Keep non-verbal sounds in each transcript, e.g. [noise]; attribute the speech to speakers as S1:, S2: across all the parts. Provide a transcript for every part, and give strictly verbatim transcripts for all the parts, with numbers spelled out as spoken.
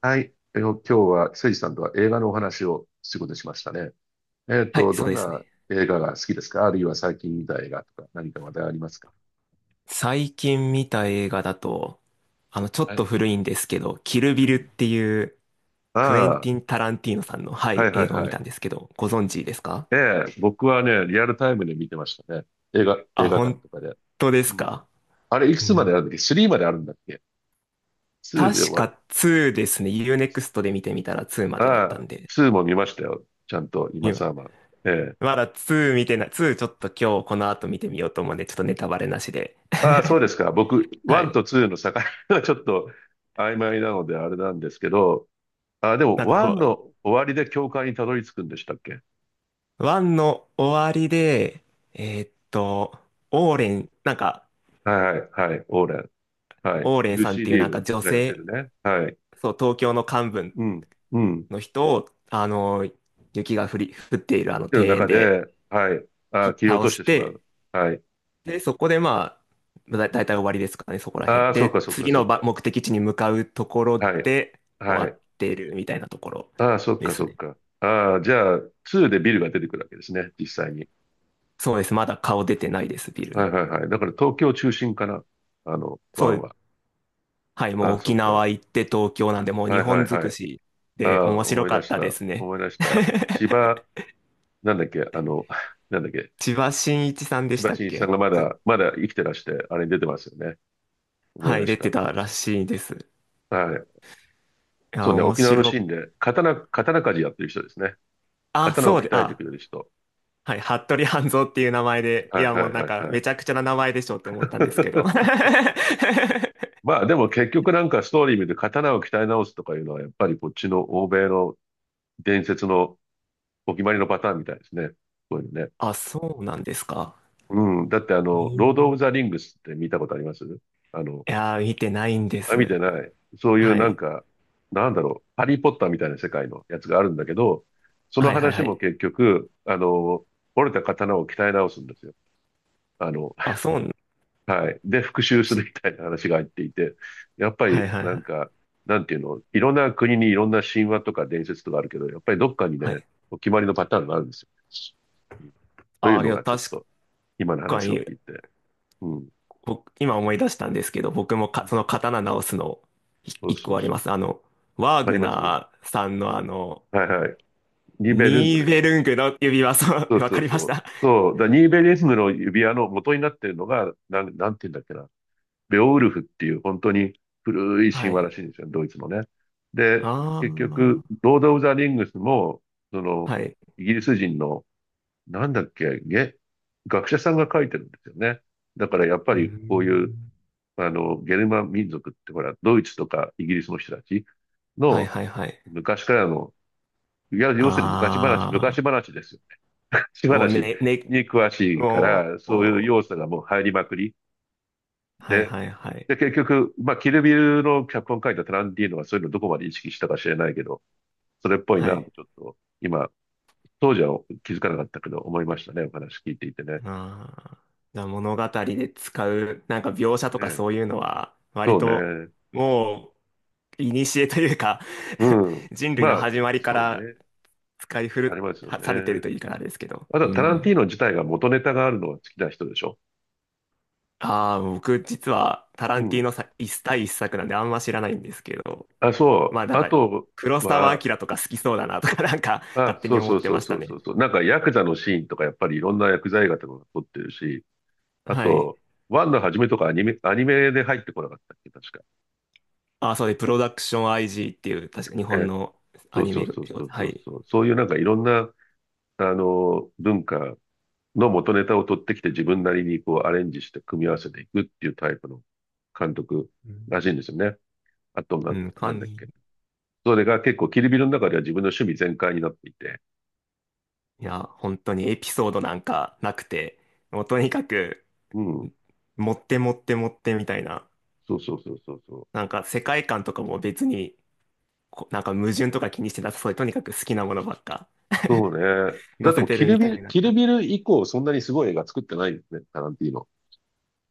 S1: はい。えー今日は、誠司さんとは映画のお話をすることにしましたね。えっ
S2: はい、
S1: と、
S2: そ
S1: ど
S2: う
S1: ん
S2: です
S1: な
S2: ね。
S1: 映画が好きですか？あるいは最近見た映画とか何か話題ありますか？
S2: 最近見た映画だと、あの、ちょ
S1: は
S2: っと
S1: い。
S2: 古いんですけど、キル
S1: う
S2: ビルっ
S1: ん。
S2: ていうクエン
S1: あ
S2: ティン・タランティーノさんの、は
S1: あ、は
S2: い、
S1: いは
S2: 映
S1: い
S2: 画を見
S1: は
S2: た
S1: い。
S2: んですけど、ご存知ですか？
S1: ええ、僕はね、リアルタイムで見てましたね。映画、映
S2: あ、
S1: 画館
S2: 本
S1: とかで。
S2: 当です
S1: うん。
S2: か？
S1: あれ、いく
S2: う
S1: つま
S2: ん。
S1: であるんだっけ？ さん まであるんだっけ？ ツー で終
S2: 確
S1: わる。
S2: かツーですね。ユーネクスト で見てみたらツーま
S1: あ
S2: でだったん
S1: あ、
S2: で、
S1: ツーも見ましたよ。ちゃんと、今
S2: 今、
S1: さま。ええ。
S2: まだツー見てない、ツーちょっと今日この後見てみようと思うんで、ちょっとネタバレなしで。
S1: ああ、そうで
S2: [laughs]
S1: すか。僕、
S2: は
S1: ワン
S2: い。
S1: とツーの境がちょっと曖昧なのであれなんですけど、あ、でも、
S2: なんか
S1: ワ
S2: も
S1: ン
S2: う、
S1: の終わりで教会にたどり着くんでしたっけ？
S2: ワンの終わりで、えーっと、オーレン、なんか、
S1: はい、はい、オーレン。はい。
S2: オーレイ
S1: ル
S2: さんっ
S1: シー・
S2: ていう
S1: リー
S2: なんか
S1: ブ
S2: 女
S1: がやってる
S2: 性、
S1: ね。はい。
S2: そう、東京の幹部
S1: うん、うん。っ
S2: の人を、あの、雪が降り、降っているあの
S1: ていう
S2: 庭園
S1: 中
S2: で
S1: で、はい。あ、
S2: 切
S1: 切り落
S2: 倒
S1: とし
S2: し
S1: てしま
S2: て、
S1: う。はい。
S2: で、そこでまあ、だ、だいたい終わりですかね、そこら辺。
S1: ああ、そっか
S2: で、
S1: そっか
S2: 次
S1: そっ
S2: のば
S1: か。
S2: 目的地に向かうところ
S1: はい。
S2: で終
S1: は
S2: わっ
S1: い。
S2: てるみたいなところ
S1: ああ、そっ
S2: で
S1: か
S2: す
S1: そっ
S2: ね。
S1: か。ああ、じゃあ、ツーでビルが出てくるわけですね、実際に。
S2: そうです。まだ顔出てないです、ビル
S1: は
S2: の。
S1: いはいはい。だから東京中心かな、あの、ワ
S2: そ
S1: ン
S2: う、
S1: は。
S2: はい、も
S1: ああ、
S2: う
S1: そ
S2: 沖
S1: っか。
S2: 縄行って東京なんで、もう
S1: は
S2: 日
S1: いは
S2: 本
S1: い
S2: 尽
S1: は
S2: く
S1: い。
S2: し
S1: あ
S2: で
S1: あ、
S2: 面
S1: 思
S2: 白
S1: い
S2: か
S1: 出
S2: っ
S1: し
S2: たで
S1: た。
S2: すね。
S1: 思い出した。芝、なんだっけ、あの、[laughs] なんだっけ、
S2: 千葉真一さんで
S1: 千
S2: し
S1: 葉
S2: た
S1: 真
S2: っ
S1: 一さん
S2: け
S1: がま
S2: ちょ
S1: だ、まだ生きてらして、あれに出てますよね。思い
S2: は
S1: 出
S2: い、
S1: し
S2: 出て
S1: た。
S2: たらしいです。い
S1: はい。そ
S2: や、
S1: うね、
S2: 面
S1: 沖縄のシ
S2: 白。
S1: ーンで、刀、刀鍛冶やってる人ですね。
S2: あ、
S1: 刀を
S2: そうで、
S1: 鍛えてく
S2: あ、
S1: れる人。
S2: はい、服部半蔵っていう名前で、
S1: は
S2: い
S1: い
S2: や、
S1: は
S2: もう
S1: い
S2: なん
S1: はい
S2: か、
S1: は
S2: め
S1: い。
S2: ちゃくちゃな名前でしょって思ったんですけど。
S1: [laughs]
S2: [laughs]
S1: まあでも結局なんかストーリー見て刀を鍛え直すとかいうのは、やっぱりこっちの欧米の伝説のお決まりのパターンみたいですね。こういうのね。
S2: あ、そうなんですか。
S1: うん。だってあ
S2: へー、
S1: の、
S2: い
S1: ロード・オブ・ザ・リングスって見たことありますあの、
S2: やー、見てないんで
S1: あ、見て
S2: す。
S1: ない。そういう
S2: は
S1: なん
S2: い。
S1: か、なんだろう、ハリー・ポッターみたいな世界のやつがあるんだけど、その
S2: はいはい
S1: 話
S2: は
S1: も
S2: い。
S1: 結局、あの、折れた刀を鍛え直すんですよ。あの、
S2: あ、
S1: [laughs]
S2: そう、
S1: はい。で、復讐す
S2: し
S1: るみたいな話が入っていて、やっぱ
S2: はい
S1: り
S2: はい
S1: な
S2: は
S1: ん
S2: い。
S1: か、なんていうの、いろんな国にいろんな神話とか伝説とかあるけど、やっぱりどっかに
S2: は
S1: ね、
S2: い。
S1: お決まりのパターンがあるんですよ。うん、という
S2: あ、い
S1: の
S2: や、
S1: がちょっ
S2: 確
S1: と、今の
S2: か
S1: 話を
S2: に、
S1: 聞いて。うん。
S2: 僕、今思い出したんですけど、僕もか、その刀直すの、い
S1: そう
S2: 一
S1: そ
S2: 個
S1: う
S2: あり
S1: そ
S2: ま
S1: う。
S2: す。あの、ワー
S1: あり
S2: グ
S1: ます
S2: ナーさんのあの、
S1: はいはい。リベルング
S2: ニー
S1: の
S2: ベルングの指輪、そう、
S1: そう
S2: [laughs] わ
S1: そ
S2: か
S1: う
S2: りま
S1: そ
S2: し
S1: う。
S2: た。
S1: そう、だニーベリズムの指輪の元になってるのが、なん、なんて言うんだっけな。ベオウルフっていう本当に古い神
S2: は
S1: 話ら
S2: い。
S1: しいんですよ、ドイツのね。で、結
S2: あ
S1: 局、ロード・オブ・ザ・リングスも、そ
S2: あ、
S1: の、
S2: はい。
S1: イギリス人の、なんだっけ、げ、学者さんが書いてるんですよね。だからやっぱ
S2: うー
S1: りこういう、
S2: ん。
S1: あの、ゲルマン民族ってほら、ドイツとかイギリスの人たち
S2: はい
S1: の
S2: はいはい。
S1: 昔からの、いや、要するに昔話、昔
S2: あ
S1: 話ですよ。し
S2: あ、もう
S1: 話
S2: ね、ね、
S1: に詳しいか
S2: も
S1: ら、
S2: う、
S1: そういう
S2: もう
S1: 要素がもう入りまくり
S2: はい
S1: で、
S2: はいはい。
S1: で、結局、まあ、キルビルの脚本書いたタランティーノはそういうのどこまで意識したか知れないけど、それっぽい
S2: は
S1: な、
S2: い。
S1: ちょっと、今、当時は気づかなかったけど、思いましたね、お話聞いていてね。
S2: ああ、じゃあ物語で使う、なんか描
S1: そ
S2: 写と
S1: う
S2: か
S1: ね。
S2: そういうのは、割
S1: そう
S2: と、
S1: ね。
S2: もう、古というか、
S1: うん。
S2: [laughs] 人類
S1: ま
S2: の
S1: あ、
S2: 始まりか
S1: そう
S2: ら
S1: ね。
S2: 使い
S1: あり
S2: 古
S1: ますよ
S2: されてる
S1: ね。
S2: といいからですけど。
S1: あと
S2: う
S1: はタランティ
S2: ん。
S1: ーノ自体が元ネタがあるのが好きな人でしょ。
S2: ああ、僕実はタラ
S1: う
S2: ンティー
S1: ん。
S2: ノさ一対一作なんであんま知らないんですけど、
S1: あ、
S2: ま
S1: そう。
S2: あなん
S1: あ
S2: か
S1: と
S2: 黒澤
S1: は、
S2: 明とか好きそうだなとか、 [laughs] なんか
S1: あ、
S2: 勝手
S1: そ
S2: に
S1: う
S2: 思
S1: そ
S2: っ
S1: う
S2: て
S1: そう
S2: まし
S1: そ
S2: た
S1: うそ
S2: ね。
S1: うそう。なんかヤクザのシーンとかやっぱりいろんな薬剤映画とかが撮ってるし、あ
S2: はい。
S1: と、ワンの初めとかアニメ、アニメで入ってこなかったっけ、確か。
S2: ああ、そうで、プロダクション アイジー っていう確か日本
S1: え、
S2: の
S1: そ
S2: ア
S1: う
S2: ニ
S1: そう
S2: メを、
S1: そうそう
S2: は
S1: そう
S2: い。
S1: そう。そういうなんかいろんな、あの、文化の元ネタを取ってきて自分なりにこうアレンジして組み合わせていくっていうタイプの監督
S2: うん
S1: らしいんですよね。あと
S2: う
S1: な、
S2: ん、か
S1: なん
S2: ん、
S1: だっけ。
S2: い
S1: それが結構キルビルの中では自分の趣味全開になっていて。
S2: や、本当にエピソードなんかなくて、もうとにかく
S1: うん。
S2: 持って持って持ってみたいな、
S1: そうそうそうそうそう。
S2: なんか世界観とかも別にこなんか矛盾とか気にしてなさそうで、とにかく好きなものばっか
S1: そうね。だ
S2: 載
S1: って
S2: せ
S1: もう
S2: て
S1: キ
S2: る
S1: ル
S2: みた
S1: ビル、
S2: いな。
S1: キルビル以降そんなにすごい映画作ってないですね、タランティーノ。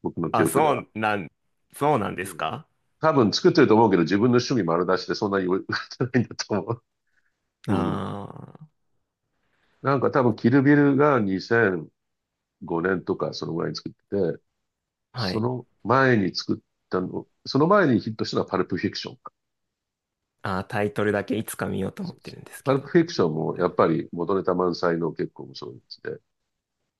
S1: 僕の記
S2: あ、
S1: 憶で
S2: そ
S1: は。
S2: うなん、そうなんで
S1: う
S2: す
S1: ん、
S2: か？
S1: 多分作ってると思うけど、自分の趣味丸出しでそんなに売ってないんだと思う。[laughs] うん。
S2: あ
S1: なんか多分キルビルがにせんごねんとかそのぐらいに作ってて、
S2: あー、は
S1: そ
S2: い。
S1: の前に作ったの、その前にヒットしたのはパルプフィクションか。
S2: あー、タイトルだけいつか見ようと思
S1: そ
S2: っ
S1: うで
S2: て
S1: す
S2: る
S1: ね。
S2: んです
S1: パ
S2: け
S1: ルプ
S2: ど。
S1: フィクションも
S2: はい。
S1: やっぱり元ネタ満載の結構面白いやつで。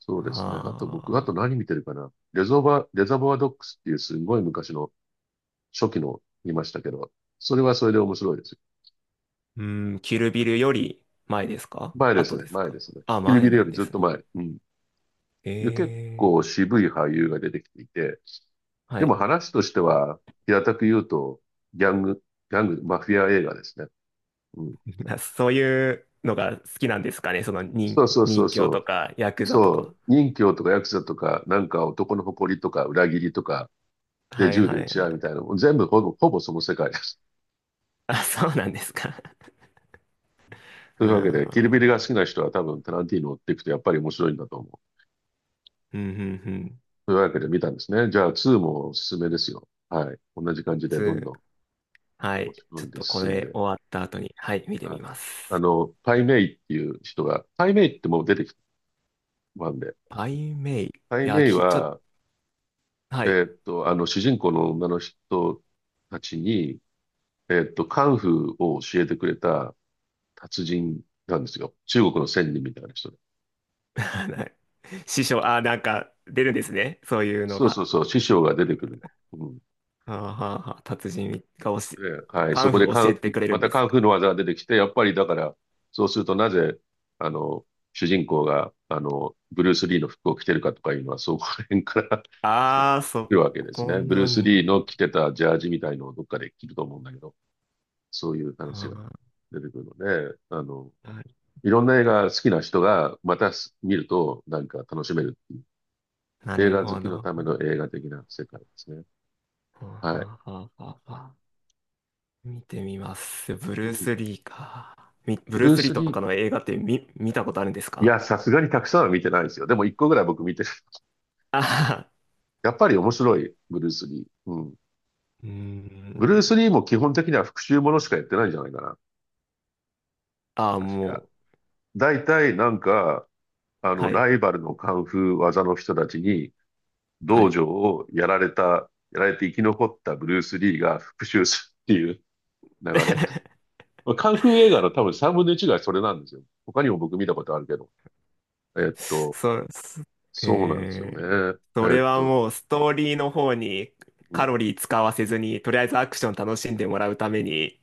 S1: そうですね。あと僕、あ
S2: あ
S1: と
S2: あ、
S1: 何見てるかな。レゾバ、レザボアドックスっていうすごい昔の初期の見ましたけど、それはそれで面白いですよ。
S2: うん、キルビルより前ですか？
S1: 前です
S2: 後
S1: ね、
S2: です
S1: 前
S2: か？
S1: ですね。
S2: あ、
S1: キルビ
S2: 前
S1: ル
S2: な
S1: よ
S2: ん
S1: り
S2: で
S1: ずっ
S2: す
S1: と
S2: ね。
S1: 前。うん。
S2: え
S1: 結
S2: え、
S1: 構渋い俳優が出てきていて、
S2: は
S1: で
S2: い。
S1: も話としては、平たく言うと、ギャング、ギャング、マフィア映画ですね。うん。
S2: [laughs] そういうのが好きなんですかね、その人、
S1: そうそうそ
S2: 人
S1: う
S2: 侠
S1: そ
S2: と
S1: う。
S2: か、ヤクザと
S1: そ
S2: か。
S1: う。任侠とかヤクザとか、なんか男の誇りとか裏切りとか、で
S2: はい
S1: 銃で
S2: はい
S1: 撃ち
S2: は
S1: 合うみたい
S2: い。
S1: なのも、全部ほぼ、ほぼその世界です。
S2: あ、そうなんですか。[laughs]
S1: というわけで、キルビ
S2: あ
S1: ル
S2: あ、
S1: が好きな人は多分タランティーノを追っていくとやっぱり面白いんだと思う。
S2: うんうんうん。
S1: というわけで見たんですね。じゃあ、ツーもおすすめですよ。はい。同じ感じでどんどん
S2: ツー。は
S1: 押
S2: い。
S1: し込
S2: ちょ
S1: ん
S2: っ
S1: で
S2: とこ
S1: 進ん
S2: れ
S1: で。
S2: 終わった後に、はい、見て
S1: はい。
S2: みま
S1: あ
S2: す。
S1: の、パイメイっていう人が、パイメイってもう出てきたんで、
S2: アイメイ。い
S1: パイ
S2: や、
S1: メイ
S2: き、ちょっと、
S1: は、
S2: はい。
S1: えーっと、あの、主人公の女の人たちに、えーっと、カンフーを教えてくれた達人なんですよ。中国の仙人みたいな人で。
S2: [laughs] はい。師匠、あ、なんか出るんですね。そういうの
S1: そうそう
S2: が。
S1: そう、師匠が出てくるの。う、
S2: あーはーはー。達人が教え、
S1: ええはい。
S2: カ
S1: そ
S2: ン
S1: こで
S2: フー
S1: カ
S2: 教え
S1: ン、
S2: てくれる
S1: ま
S2: ん
S1: た
S2: で
S1: カ
S2: す。
S1: ンフーの技が出てきて、やっぱりだから、そうするとなぜ、あの、主人公が、あの、ブルース・リーの服を着てるかとかいうのは、そこら辺から [laughs] 来て
S2: ああ、そ
S1: るわけです
S2: こ
S1: ね。ブルー
S2: な
S1: ス・リ
S2: ん
S1: ーの
S2: で。
S1: 着てたジャージみたいのをどっかで着ると思うんだけど、そういう話が
S2: あ
S1: 出てくるので、あの、
S2: ーな
S1: いろんな映画好きな人が、またす見ると、なんか楽しめるっていう、
S2: な
S1: 映
S2: る
S1: 画好
S2: ほ
S1: き
S2: ど。
S1: の
S2: は
S1: ための映画的な世界ですね。
S2: ーは
S1: はい。
S2: ーはーはーはー見てみます。ブ
S1: う
S2: ルース・
S1: ん。
S2: リーか。み、ブ
S1: ブ
S2: ルー
S1: ルー
S2: ス・リー
S1: ス・
S2: と
S1: リー、
S2: かの映画って見、見たことあるんです
S1: い
S2: か？
S1: や、さすがにたくさんは見てないですよ。でもいっこぐらい僕見てる。[laughs]
S2: ああ
S1: やっぱり面白い、ブルース・リー。うん。
S2: ー、[laughs] うー
S1: ブルース・
S2: ん。
S1: リーも基本的には復讐ものしかやってないんじゃないかな。
S2: ああ、
S1: 確
S2: も
S1: か。
S2: う。
S1: 大体なんか、あの、
S2: はい。
S1: ライバルのカンフー技の人たちに、
S2: は
S1: 道
S2: い。
S1: 場をやられた、やられて生き残ったブルース・リーが復讐するっていう [laughs] 流れ。
S2: [laughs]
S1: まあカンフー映画の多分さんぶんのいちがそれなんですよ。他にも僕見たことあるけど。えっと、
S2: そう、す
S1: そうなんですよね。
S2: えー、そ
S1: えっ
S2: れは
S1: と、
S2: もうストーリーの方に
S1: う
S2: カ
S1: ん。
S2: ロリー使わせずに、とりあえずアクション楽しんでもらうために、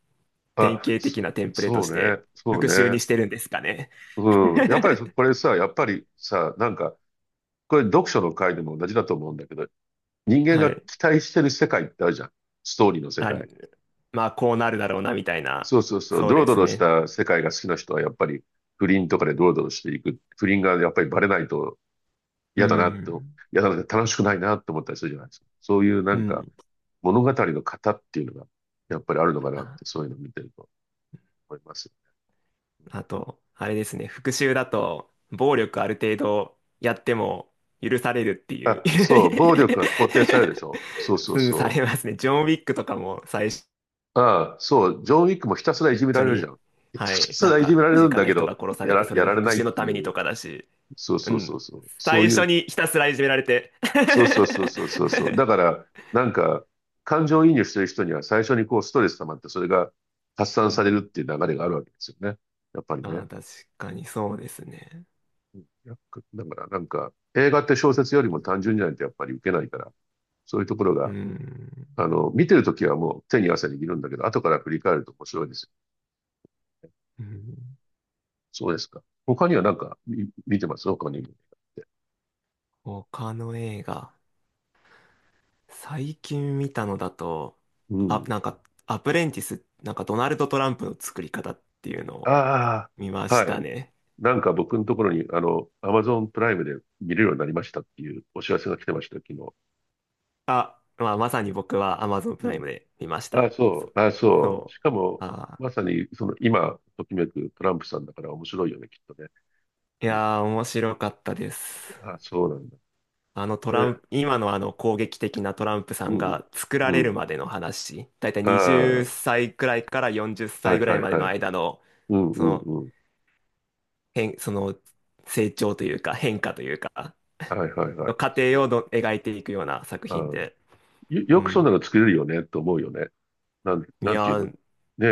S2: 典
S1: あ、
S2: 型的
S1: そ、
S2: なテンプレと
S1: そう
S2: して
S1: ね。そう
S2: 復習に
S1: ね。
S2: してるんですかね。
S1: うん。やっぱりそ
S2: [laughs]
S1: これさ、やっぱりさ、なんか、これ読書の回でも同じだと思うんだけど、人間
S2: は
S1: が
S2: い。
S1: 期待してる世界ってあるじゃん。ストーリーの世
S2: あ、
S1: 界。
S2: まあ、こうなるだろうな、みたいな。
S1: そうそうそう。
S2: そう
S1: ドロ
S2: で
S1: ド
S2: す
S1: ロし
S2: ね。
S1: た世界が好きな人はやっぱり不倫とかでドロドロしていく。不倫がやっぱりバレないと
S2: う
S1: 嫌だなと、
S2: ん。
S1: 嫌だな、楽しくないなって思ったりするじゃないですか。そういうな
S2: う
S1: んか
S2: ん。
S1: 物語の型っていうのがやっぱりあるのかなって、そういうのを見てると思います。
S2: あと、あれですね、復讐だと、暴力ある程度やっても許されるっていう。
S1: あ、そう、暴
S2: [laughs]
S1: 力が肯定されるでしょ。そうそう
S2: うん、さ
S1: そ
S2: れ
S1: う。
S2: ますね。ジョン・ウィックとかも最初
S1: ああ、そう、ジョン・ウィックもひたすらいじめられるじゃ
S2: に、
S1: ん。[laughs] ひた
S2: はい、
S1: す
S2: なん
S1: らいじ
S2: か
S1: められ
S2: 身
S1: るん
S2: 近
S1: だ
S2: な
S1: け
S2: 人
S1: ど、
S2: が殺さ
S1: や
S2: れて、
S1: ら、
S2: それ
S1: や
S2: の
S1: られ
S2: 復
S1: ないっ
S2: 讐の
S1: て
S2: た
S1: い
S2: めにと
S1: う。
S2: かだし、
S1: そう
S2: う
S1: そうそ
S2: ん、
S1: うそう。そ
S2: 最
S1: うい
S2: 初
S1: う、
S2: にひたすらいじめられて。
S1: そうそうそ
S2: [laughs]
S1: うそうそうそう。だから、なんか、感情移入してる人には最初にこうストレス溜まって、それが発
S2: う
S1: 散され
S2: ん、
S1: るっていう流れがあるわけですよね。やっぱりね。
S2: まあ確かにそうですね。
S1: うん、やっぱだから、なんか、映画って小説よりも単純じゃないとやっぱり受けないから、そういうところ
S2: う
S1: が、
S2: ん、
S1: あの、見てるときはもう手に汗握るんだけど、後から振り返ると面白いですよね。
S2: うん、
S1: そうですか。他にはなんかみ見てます、他にも？
S2: 他の映画。最近見たのだと、
S1: う
S2: あ、
S1: ん。
S2: なんか、アプレンティス、なんかドナルド・トランプの作り方っていうのを
S1: あ
S2: 見ま
S1: あ、
S2: し
S1: はい。
S2: たね。
S1: なんか僕のところに、あの、アマゾンプライムで見れるようになりましたっていうお知らせが来てました、昨日。
S2: あ、まあ、まさに僕は Amazon プ
S1: う
S2: ライ
S1: ん。
S2: ムで見まし
S1: ああ、
S2: た。そ
S1: そう。ああ、そう。
S2: そ
S1: し
S2: う。
S1: かも、
S2: あ
S1: まさに、その、今、ときめくトランプさんだから面白いよね、きっとね。
S2: ー、い
S1: うん。
S2: やー、面白かったです。
S1: ああ、そうなんだ。
S2: あのトラン
S1: え、
S2: プ、今のあの攻撃的なトランプさん
S1: うん。
S2: が作ら
S1: う
S2: れる
S1: ん。
S2: までの話、だいたい
S1: ああ、は
S2: はたちくらいから40
S1: いは
S2: 歳
S1: い
S2: ぐらいまで
S1: は
S2: の
S1: い。
S2: 間の、
S1: うん
S2: そ
S1: う
S2: の、
S1: んうん。
S2: 変、その成長というか変化というか、
S1: はいはいは
S2: の
S1: い。
S2: 過程
S1: そ
S2: を
S1: う。
S2: の描いていくような作
S1: ああ、
S2: 品
S1: よ、
S2: で。う
S1: よくそんな
S2: ん。
S1: の作れるよね、と思うよね。なん、
S2: い
S1: なんていう
S2: や
S1: の、
S2: ー。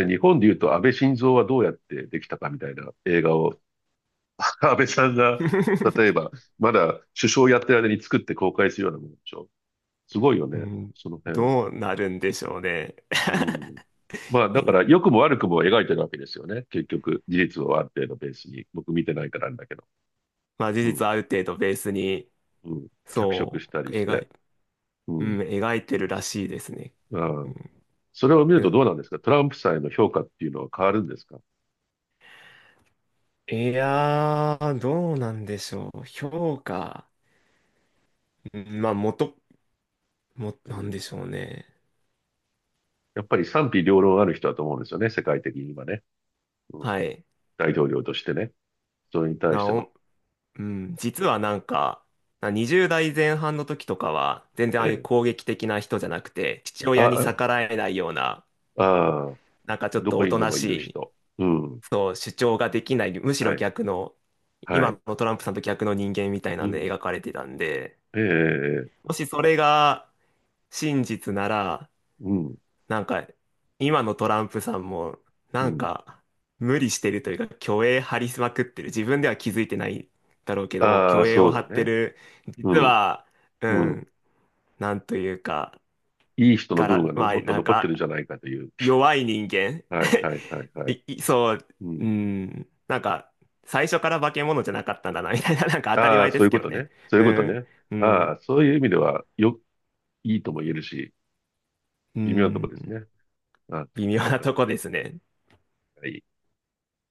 S1: ね、日本で言うと安倍晋三はどうやってできたかみたいな映画を、[laughs] 安倍さんが、例え
S2: [laughs]
S1: ば、まだ首相やってる間に作って公開するようなものでしょ。すごいよ
S2: う
S1: ね、
S2: ん、
S1: その辺。
S2: どうなるんでしょうね。
S1: うん。まあ、
S2: [laughs] う
S1: だか
S2: ん、
S1: ら、良くも悪くも描いてるわけですよね。結局、事実をある程度ベースに。僕見てないからあれだけど。
S2: まあ事
S1: うん、
S2: 実ある程度ベースに、
S1: うん。脚色
S2: そ
S1: した
S2: う、
S1: りし
S2: 描
S1: て。
S2: い、
S1: う
S2: う
S1: ん。
S2: ん、描いてるらしいですね。
S1: あ
S2: う
S1: あ。
S2: ん、
S1: それを見る
S2: け
S1: と
S2: ど、
S1: どうなんですか、トランプさんへの評価っていうのは変わるんですか？
S2: いやー、どうなんでしょう。評価。うん、まあ、元、も、
S1: う
S2: なん
S1: ん。
S2: でしょうね。
S1: やっぱり賛否両論ある人だと思うんですよね、世界的に今ね。うん、
S2: はい。
S1: 大統領としてね、それに対し
S2: な
S1: ての、
S2: お、うん、実はなんか、なにじゅうだい代前半の時とかは、全然ああいう
S1: ええ、
S2: 攻撃的な人じゃなくて、父親に
S1: あ、
S2: 逆らえないような、
S1: ああ、
S2: なんかちょっ
S1: ど
S2: と
S1: こ
S2: お
S1: に
S2: と
S1: で
S2: な
S1: も
S2: し
S1: いる
S2: い、
S1: 人。うん。
S2: そう、主張ができない、むしろ
S1: はい。
S2: 逆の、
S1: はい。
S2: 今のトランプさんと逆の人間みたい
S1: う
S2: なんで
S1: ん。
S2: 描かれてたんで、
S1: ええ、
S2: もしそれが真実なら、
S1: うん。
S2: なんか、今のトランプさんも、
S1: う
S2: なん
S1: ん。
S2: か、無理してるというか、虚栄張りまくってる。自分では気づいてないだろうけども、
S1: ああ、
S2: 虚栄
S1: そ
S2: を張
S1: う
S2: っ
S1: だ
S2: て
S1: ね。
S2: る。
S1: う
S2: 実
S1: ん。
S2: は、う
S1: うん。
S2: ん、なんというか、
S1: いい人の
S2: が
S1: 部分が
S2: ら、
S1: の
S2: まあ、
S1: もっと
S2: なん
S1: 残ってるんじ
S2: か、
S1: ゃないかという。
S2: 弱い人間。
S1: はい、はい、はい、
S2: [laughs]
S1: は
S2: い、
S1: い。
S2: いそう、
S1: う
S2: う
S1: ん。
S2: ん、なんか、最初から化け物じゃなかったんだな、みたいな、なんか当たり
S1: ああ、
S2: 前で
S1: そうい
S2: す
S1: う
S2: け
S1: こ
S2: ど
S1: と
S2: ね。
S1: ね。そういう
S2: う
S1: こと
S2: ん、
S1: ね。
S2: う
S1: あ
S2: ん、
S1: あ、そういう意味では、よ、いいとも言えるし、
S2: う
S1: 微妙なと
S2: ん、
S1: こですね。あ、
S2: 微妙
S1: わ
S2: な
S1: かり
S2: と
S1: ま
S2: こですね。
S1: した。